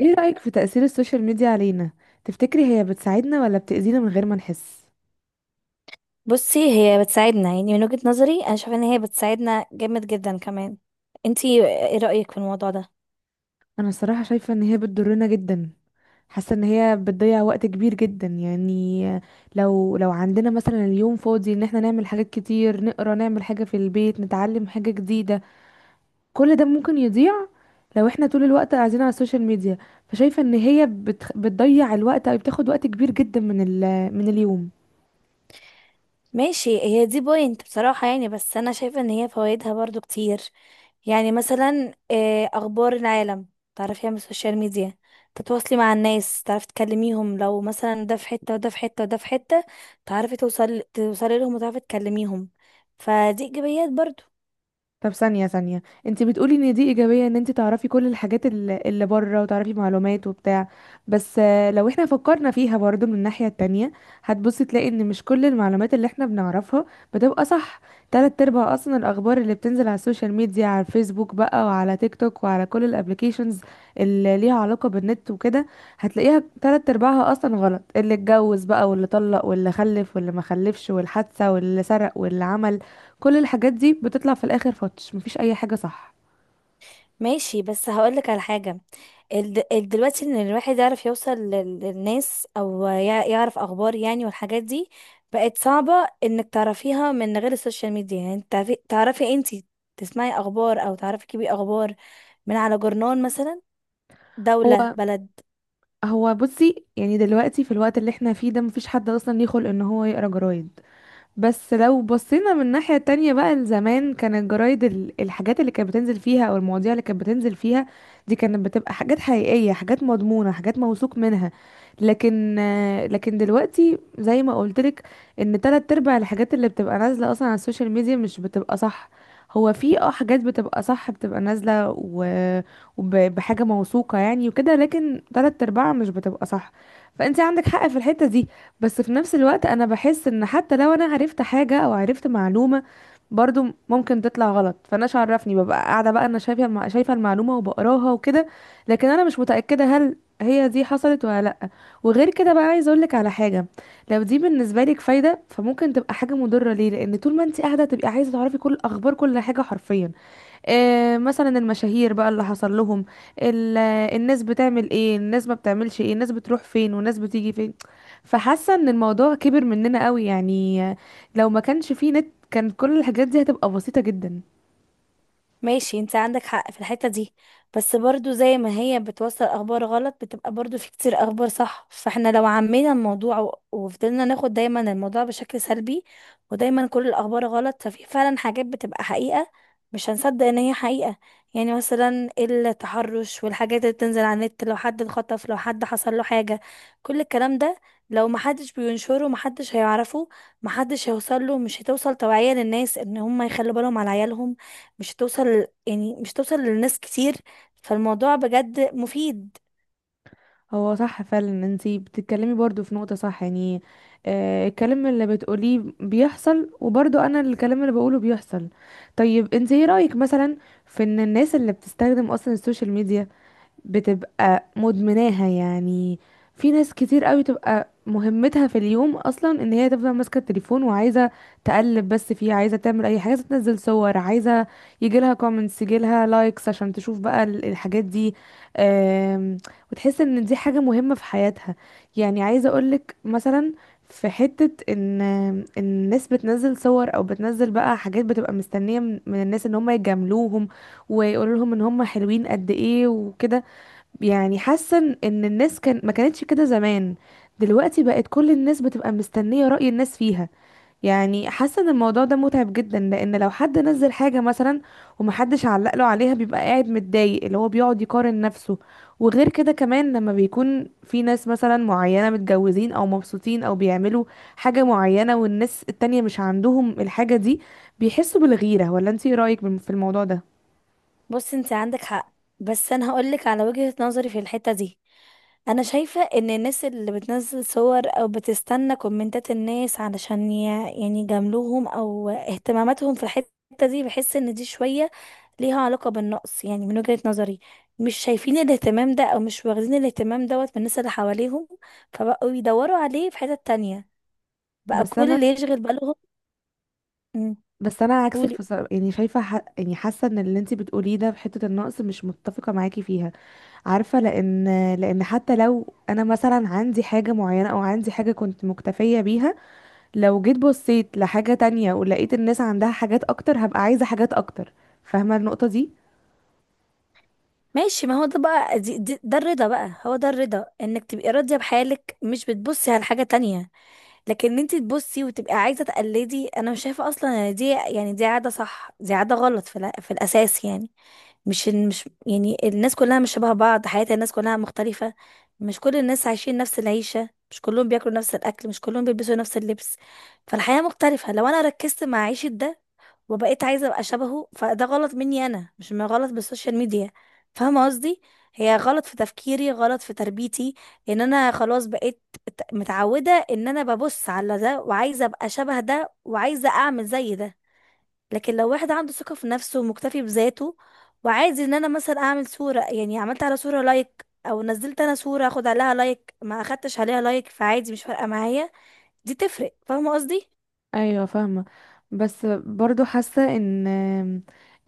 ايه رأيك في تأثير السوشيال ميديا علينا؟ تفتكري هي بتساعدنا ولا بتأذينا من غير ما نحس؟ بصي، هي بتساعدنا يعني من وجهة نظري. انا شايفه ان هي بتساعدنا جامد جدا كمان. انتي ايه رأيك في الموضوع ده؟ انا الصراحة شايفة ان هي بتضرنا جدا. حاسة ان هي بتضيع وقت كبير جدا يعني. لو عندنا مثلا اليوم فاضي ان احنا نعمل حاجات كتير، نقرا، نعمل حاجة في البيت، نتعلم حاجة جديدة. كل ده ممكن يضيع لو احنا طول الوقت قاعدين على السوشيال ميديا. فشايفة ان بتضيع الوقت او بتاخد وقت كبير جدا من اليوم. ماشي، هي دي بوينت بصراحة، بس انا شايفه ان هي فوائدها برضو كتير. يعني مثلا اخبار العالم تعرفيها من السوشيال ميديا، تتواصلي مع الناس، تعرفي تكلميهم. لو مثلا ده في حتة وده في حتة وده في حتة، تعرفي توصلي لهم وتعرفي تكلميهم. فدي ايجابيات برضو. طب ثانية ثانية، انت بتقولي ان دي ايجابية ان انت تعرفي كل الحاجات اللي بره وتعرفي معلومات وبتاع. بس لو احنا فكرنا فيها برضو من الناحية التانية، هتبصي تلاقي ان مش كل المعلومات اللي احنا بنعرفها بتبقى صح. تلات ارباع اصلا الاخبار اللي بتنزل على السوشيال ميديا، على الفيسبوك بقى وعلى تيك توك وعلى كل الابليكيشنز اللي ليها علاقة بالنت وكده، هتلاقيها تلات ارباعها اصلا غلط. اللي اتجوز بقى واللي طلق واللي خلف واللي ما خلفش والحادثة واللي سرق واللي عمل، كل الحاجات دي بتطلع في الاخر فتش مفيش اي حاجه صح. ماشي بس هقولك على حاجة. دلوقتي ان الواحد يعرف يوصل للناس او يعرف اخبار يعني والحاجات دي بقت صعبة. انك تعرفيها من غير السوشيال ميديا، يعني انت تعرفي انت تسمعي اخبار او تعرفي كيبي اخبار من على جورنال مثلا، هو دولة، بلد. هو بصي، يعني دلوقتي في الوقت اللي احنا فيه ده مفيش حد اصلا ليه خلق ان هو يقرا جرايد. بس لو بصينا من ناحية تانية بقى، لزمان كان الجرايد الحاجات اللي كانت بتنزل فيها او المواضيع اللي كانت بتنزل فيها، دي كانت بتبقى حاجات حقيقية، حاجات مضمونة، حاجات موثوق منها. لكن لكن دلوقتي زي ما قولتلك، ان تلات ارباع الحاجات اللي بتبقى نازلة اصلا على السوشيال ميديا مش بتبقى صح. هو في اه حاجات بتبقى صح، بتبقى نازلة بحاجة موثوقة يعني وكده، لكن تلات ارباعها مش بتبقى صح. فانت عندك حق في الحتة دي، بس في نفس الوقت انا بحس ان حتى لو انا عرفت حاجة او عرفت معلومة، برضو ممكن تطلع غلط. فانا عرفني ببقى قاعدة بقى انا شايفة المعلومة وبقراها وكده، لكن انا مش متأكدة هل هي دي حصلت ولا لأ. وغير كده بقى، عايزة اقولك على حاجة. لو دي بالنسبة لك فايدة فممكن تبقى حاجة مضرة ليه، لان طول ما انت قاعدة تبقي عايزة تعرفي كل اخبار، كل حاجة حرفيا. مثلا المشاهير بقى اللي حصل لهم، الناس بتعمل ايه، الناس ما بتعملش ايه، الناس بتروح فين والناس بتيجي فين. فحاسه ان الموضوع كبر مننا قوي يعني. لو ما كانش فيه نت كان كل الحاجات دي هتبقى بسيطه جدا. ماشي، انت عندك حق في الحتة دي. بس برضو زي ما هي بتوصل اخبار غلط بتبقى برضو في كتير اخبار صح. فاحنا لو عمينا الموضوع وفضلنا ناخد دايما الموضوع بشكل سلبي ودايما كل الاخبار غلط، ففي فعلا حاجات بتبقى حقيقة مش هنصدق ان هي حقيقة. يعني مثلا التحرش والحاجات اللي بتنزل على النت، لو حد اتخطف، لو حد حصل له حاجة، كل الكلام ده لو محدش بينشره محدش هيعرفه، محدش هيوصل له، مش هتوصل توعية للناس ان هم يخلوا بالهم على عيالهم، مش هتوصل يعني مش هتوصل لناس كتير. فالموضوع بجد مفيد. هو صح فعلا، انتي بتتكلمي برضو في نقطه صح يعني. الكلام اللي بتقوليه بيحصل، وبرضو انا الكلام اللي بقوله بيحصل. طيب انتي ايه رايك مثلا في ان الناس اللي بتستخدم اصلا السوشيال ميديا بتبقى مدمناها يعني؟ في ناس كتير قوي تبقى مهمتها في اليوم اصلا ان هي تفضل ماسكه التليفون، وعايزه تقلب بس فيه، عايزه تعمل اي حاجه، عايزة تنزل صور، عايزه يجيلها كومنتس، يجيلها لايكس عشان تشوف بقى الحاجات دي. آم، وتحس ان دي حاجه مهمه في حياتها. يعني عايزه اقولك مثلا في حتة ان إن الناس بتنزل صور او بتنزل بقى حاجات، بتبقى مستنية من الناس ان هم يجاملوهم ويقولوا لهم ان هم حلوين قد ايه وكده. يعني حاسه ان إن الناس كان ما كانتش كده زمان، دلوقتي بقت كل الناس بتبقى مستنيه رأي الناس فيها. يعني حاسه ان الموضوع ده متعب جدا، لان لو حد نزل حاجه مثلا ومحدش علق له عليها بيبقى قاعد متضايق، اللي هو بيقعد يقارن نفسه. وغير كده كمان، لما بيكون في ناس مثلا معينه متجوزين او مبسوطين او بيعملوا حاجه معينه والناس التانية مش عندهم الحاجه دي، بيحسوا بالغيره. ولا انتي إيه رأيك في الموضوع ده؟ بص، انت عندك حق، بس انا هقولك على وجهة نظري في الحتة دي. انا شايفة ان الناس اللي بتنزل صور او بتستنى كومنتات الناس علشان يعني يجاملوهم او اهتماماتهم في الحتة دي، بحس ان دي شوية ليها علاقة بالنقص، يعني من وجهة نظري مش شايفين الاهتمام ده او مش واخدين الاهتمام دوت من الناس اللي حواليهم، فبقوا يدوروا عليه في حتة تانية، بقى بس كل انا اللي يشغل بالهم. بس انا عكسك قولي. في صر... يعني يعني حاسه ان اللي انت بتقوليه ده في حته النقص مش متفقه معاكي فيها. عارفه، لان لان حتى لو انا مثلا عندي حاجه معينه او عندي حاجه كنت مكتفيه بيها، لو جيت بصيت لحاجه تانية ولقيت الناس عندها حاجات اكتر هبقى عايزه حاجات اكتر. فاهمه النقطه دي؟ ماشي، ما هو ده بقى، دي دي ده الرضا بقى، هو ده الرضا، انك تبقي راضية بحالك مش بتبصي على حاجة تانية. لكن انت تبصي وتبقي عايزة تقلدي، انا مش شايفة اصلا ان دي يعني دي عادة صح، دي عادة غلط في، في الاساس يعني. مش يعني الناس كلها مش شبه بعض، حياة الناس كلها مختلفة. مش كل الناس عايشين نفس العيشة، مش كلهم بياكلوا نفس الاكل، مش كلهم بيلبسوا نفس اللبس. فالحياة مختلفة. لو انا ركزت مع عيشة ده وبقيت عايزه ابقى شبهه، فده غلط مني انا، مش من غلط بالسوشيال ميديا. فاهمه قصدي؟ هي غلط في تفكيري، غلط في تربيتي ان انا خلاص بقيت متعوده ان انا ببص على ده وعايزه ابقى شبه ده وعايزه اعمل زي ده. لكن لو واحد عنده ثقه في نفسه ومكتفي بذاته وعايز ان انا مثلا اعمل صوره، يعني عملت على صوره لايك او نزلت انا صوره اخد عليها لايك، ما اخدتش عليها لايك، فعادي مش فارقه معايا. دي تفرق. فاهمه قصدي؟ ايوه فاهمه. بس برضو حاسه ان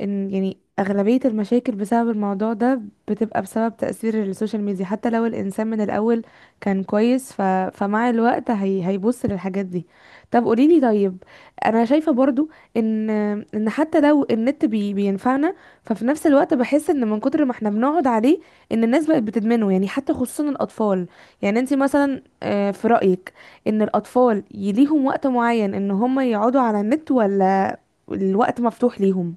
ان يعني اغلبيه المشاكل بسبب الموضوع ده بتبقى بسبب تاثير السوشيال ميديا. حتى لو الانسان من الاول كان كويس، فمع الوقت هيبص للحاجات دي. طب قوليلي، طيب انا شايفه برضو ان ان حتى لو النت بينفعنا، ففي نفس الوقت بحس ان من كتر ما احنا بنقعد عليه، ان الناس بقت بتدمنه يعني، حتى خصوصا الاطفال. يعني انت مثلا في رايك ان الاطفال ليهم وقت معين ان هم يقعدوا على النت، ولا الوقت مفتوح ليهم؟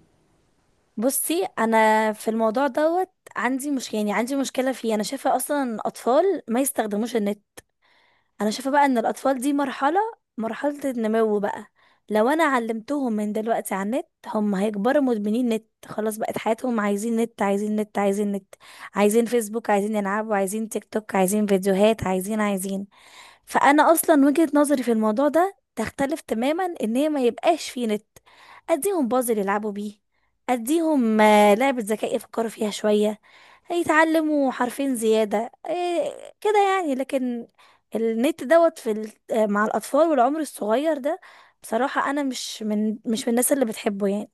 بصي، انا في الموضوع دوت عندي مش يعني عندي مشكله فيه. انا شايفه اصلا ان الاطفال ما يستخدموش النت. انا شايفه بقى ان الاطفال دي مرحله، مرحله النمو بقى. لو انا علمتهم من دلوقتي على النت، هم هيكبروا مدمنين نت، خلاص بقت حياتهم عايزين نت عايزين نت عايزين نت، عايزين فيسبوك، عايزين يلعبوا، عايزين تيك توك، عايزين فيديوهات، عايزين. فانا اصلا وجهة نظري في الموضوع ده تختلف تماما، ان هي ما يبقاش في نت. اديهم بازل يلعبوا بيه، اديهم لعبة ذكاء يفكروا فيها شوية، هيتعلموا حرفين زيادة إيه كده يعني. لكن النت دوت في مع الاطفال والعمر الصغير ده، بصراحة انا مش من مش من الناس اللي بتحبه يعني.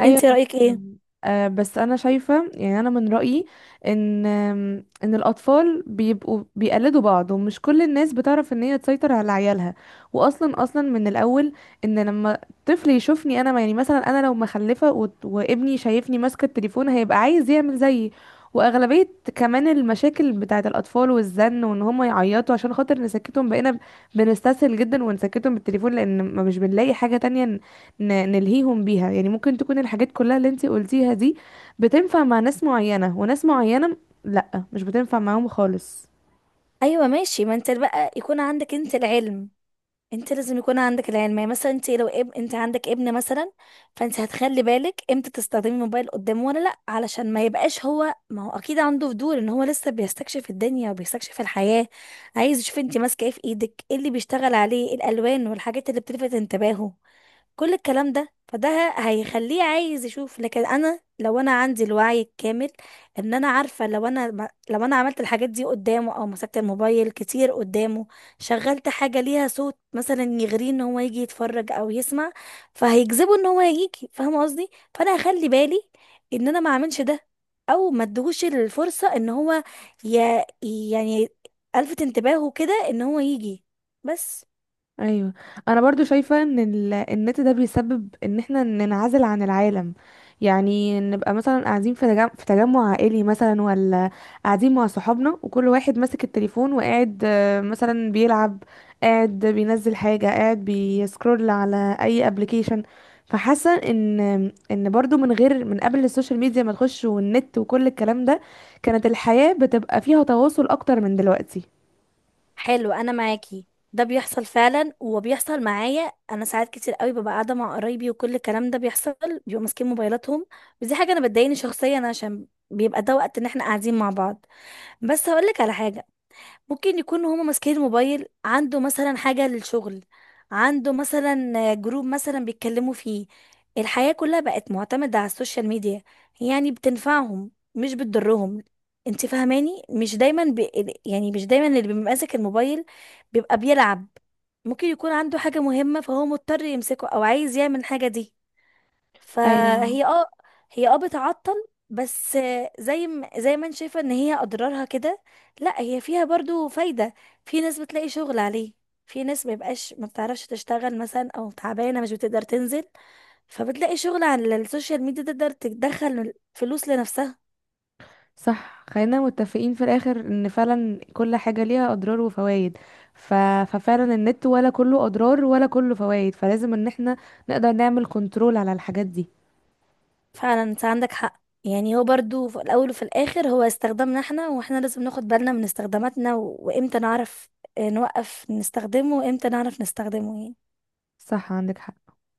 ايوه انت بس رأيك ايه؟ بس انا شايفه يعني، انا من رايي ان ان الاطفال بيبقوا بيقلدوا بعض، ومش كل الناس بتعرف ان هي تسيطر على عيالها. واصلا من الاول، ان لما طفل يشوفني انا، يعني مثلا انا لو مخلفه وابني شايفني ماسكه التليفون هيبقى عايز يعمل زيي. واغلبيه كمان المشاكل بتاعه الاطفال والزن وان هم يعيطوا عشان خاطر نسكتهم، بقينا بنستسهل جدا ونسكتهم بالتليفون لان ما مش بنلاقي حاجه تانية نلهيهم بيها يعني. ممكن تكون الحاجات كلها اللي انت قلتيها دي بتنفع مع ناس معينة، وناس معينة لا مش بتنفع معاهم خالص. ايوه ماشي. ما انت بقى يكون عندك انت العلم، انت لازم يكون عندك العلم. يعني مثلا انت لو انت عندك ابن مثلا، فانت هتخلي بالك امتى تستخدمي الموبايل قدامه ولا لا، علشان ما يبقاش هو، ما هو اكيد عنده فضول ان هو لسه بيستكشف الدنيا وبيستكشف الحياة، عايز يشوف انت ماسكه ايه في ايدك، ايه اللي بيشتغل عليه، الالوان والحاجات اللي بتلفت انتباهه، كل الكلام ده. فده هيخليه عايز يشوف. لكن انا لو انا عندي الوعي الكامل ان انا عارفه لو انا لو انا عملت الحاجات دي قدامه او مسكت الموبايل كتير قدامه، شغلت حاجه ليها صوت مثلا يغريه ان هو يجي يتفرج او يسمع، فهيجذبه ان هو يجي. فاهمه قصدي؟ فانا هخلي بالي ان انا ما اعملش ده، او ما ادهوش الفرصه ان هو ي... يعني الفت انتباهه كده ان هو يجي بس. ايوه. انا برضو شايفه ان النت ده بيسبب ان احنا ننعزل عن العالم. يعني نبقى مثلا قاعدين في تجمع عائلي مثلا، ولا قاعدين مع صحابنا وكل واحد ماسك التليفون وقاعد، مثلا بيلعب، قاعد بينزل حاجه، قاعد بيسكرول على اي ابلكيشن. فحاسه ان ان برضو من غير، من قبل السوشيال ميديا ما تخش والنت وكل الكلام ده، كانت الحياه بتبقى فيها تواصل اكتر من دلوقتي. حلو، انا معاكي. ده بيحصل فعلا، وبيحصل معايا انا ساعات كتير قوي، ببقى قاعده مع قرايبي وكل الكلام ده بيحصل، بيبقوا ماسكين موبايلاتهم. ودي حاجه انا بتضايقني شخصيا، عشان بيبقى ده وقت ان احنا قاعدين مع بعض. بس هقولك على حاجه، ممكن يكونوا هما ماسكين الموبايل عنده مثلا حاجة للشغل، عنده مثلا جروب مثلا بيتكلموا فيه. الحياة كلها بقت معتمدة على السوشيال ميديا، يعني بتنفعهم مش بتضرهم. انت فاهماني؟ مش دايما يعني مش دايما اللي بيبقى ماسك الموبايل بيبقى بيلعب، ممكن يكون عنده حاجة مهمة فهو مضطر يمسكه او عايز يعمل حاجة دي. ايوه فهي اه، هي اه بتعطل بس. زي ما انت شايفه ان هي اضرارها كده، لا هي فيها برضو فايده. في ناس بتلاقي شغل عليه، في ناس ما بيبقاش ما بتعرفش تشتغل مثلا او تعبانه مش بتقدر تنزل، فبتلاقي شغل على السوشيال ميديا تقدر تدخل فلوس لنفسها. صح، خلينا متفقين في الاخر ان فعلا كل حاجة ليها اضرار وفوائد. ف... ففعلا النت ولا كله اضرار ولا كله فوائد، فلازم ان احنا نقدر نعمل كنترول على الحاجات دي. فعلا انت عندك حق. يعني هو برضو في الاول وفي الاخر هو استخدامنا احنا، واحنا لازم ناخد بالنا من استخداماتنا وامتى نعرف نوقف نستخدمه وامتى نعرف نستخدمه يعني. صح عندك حق.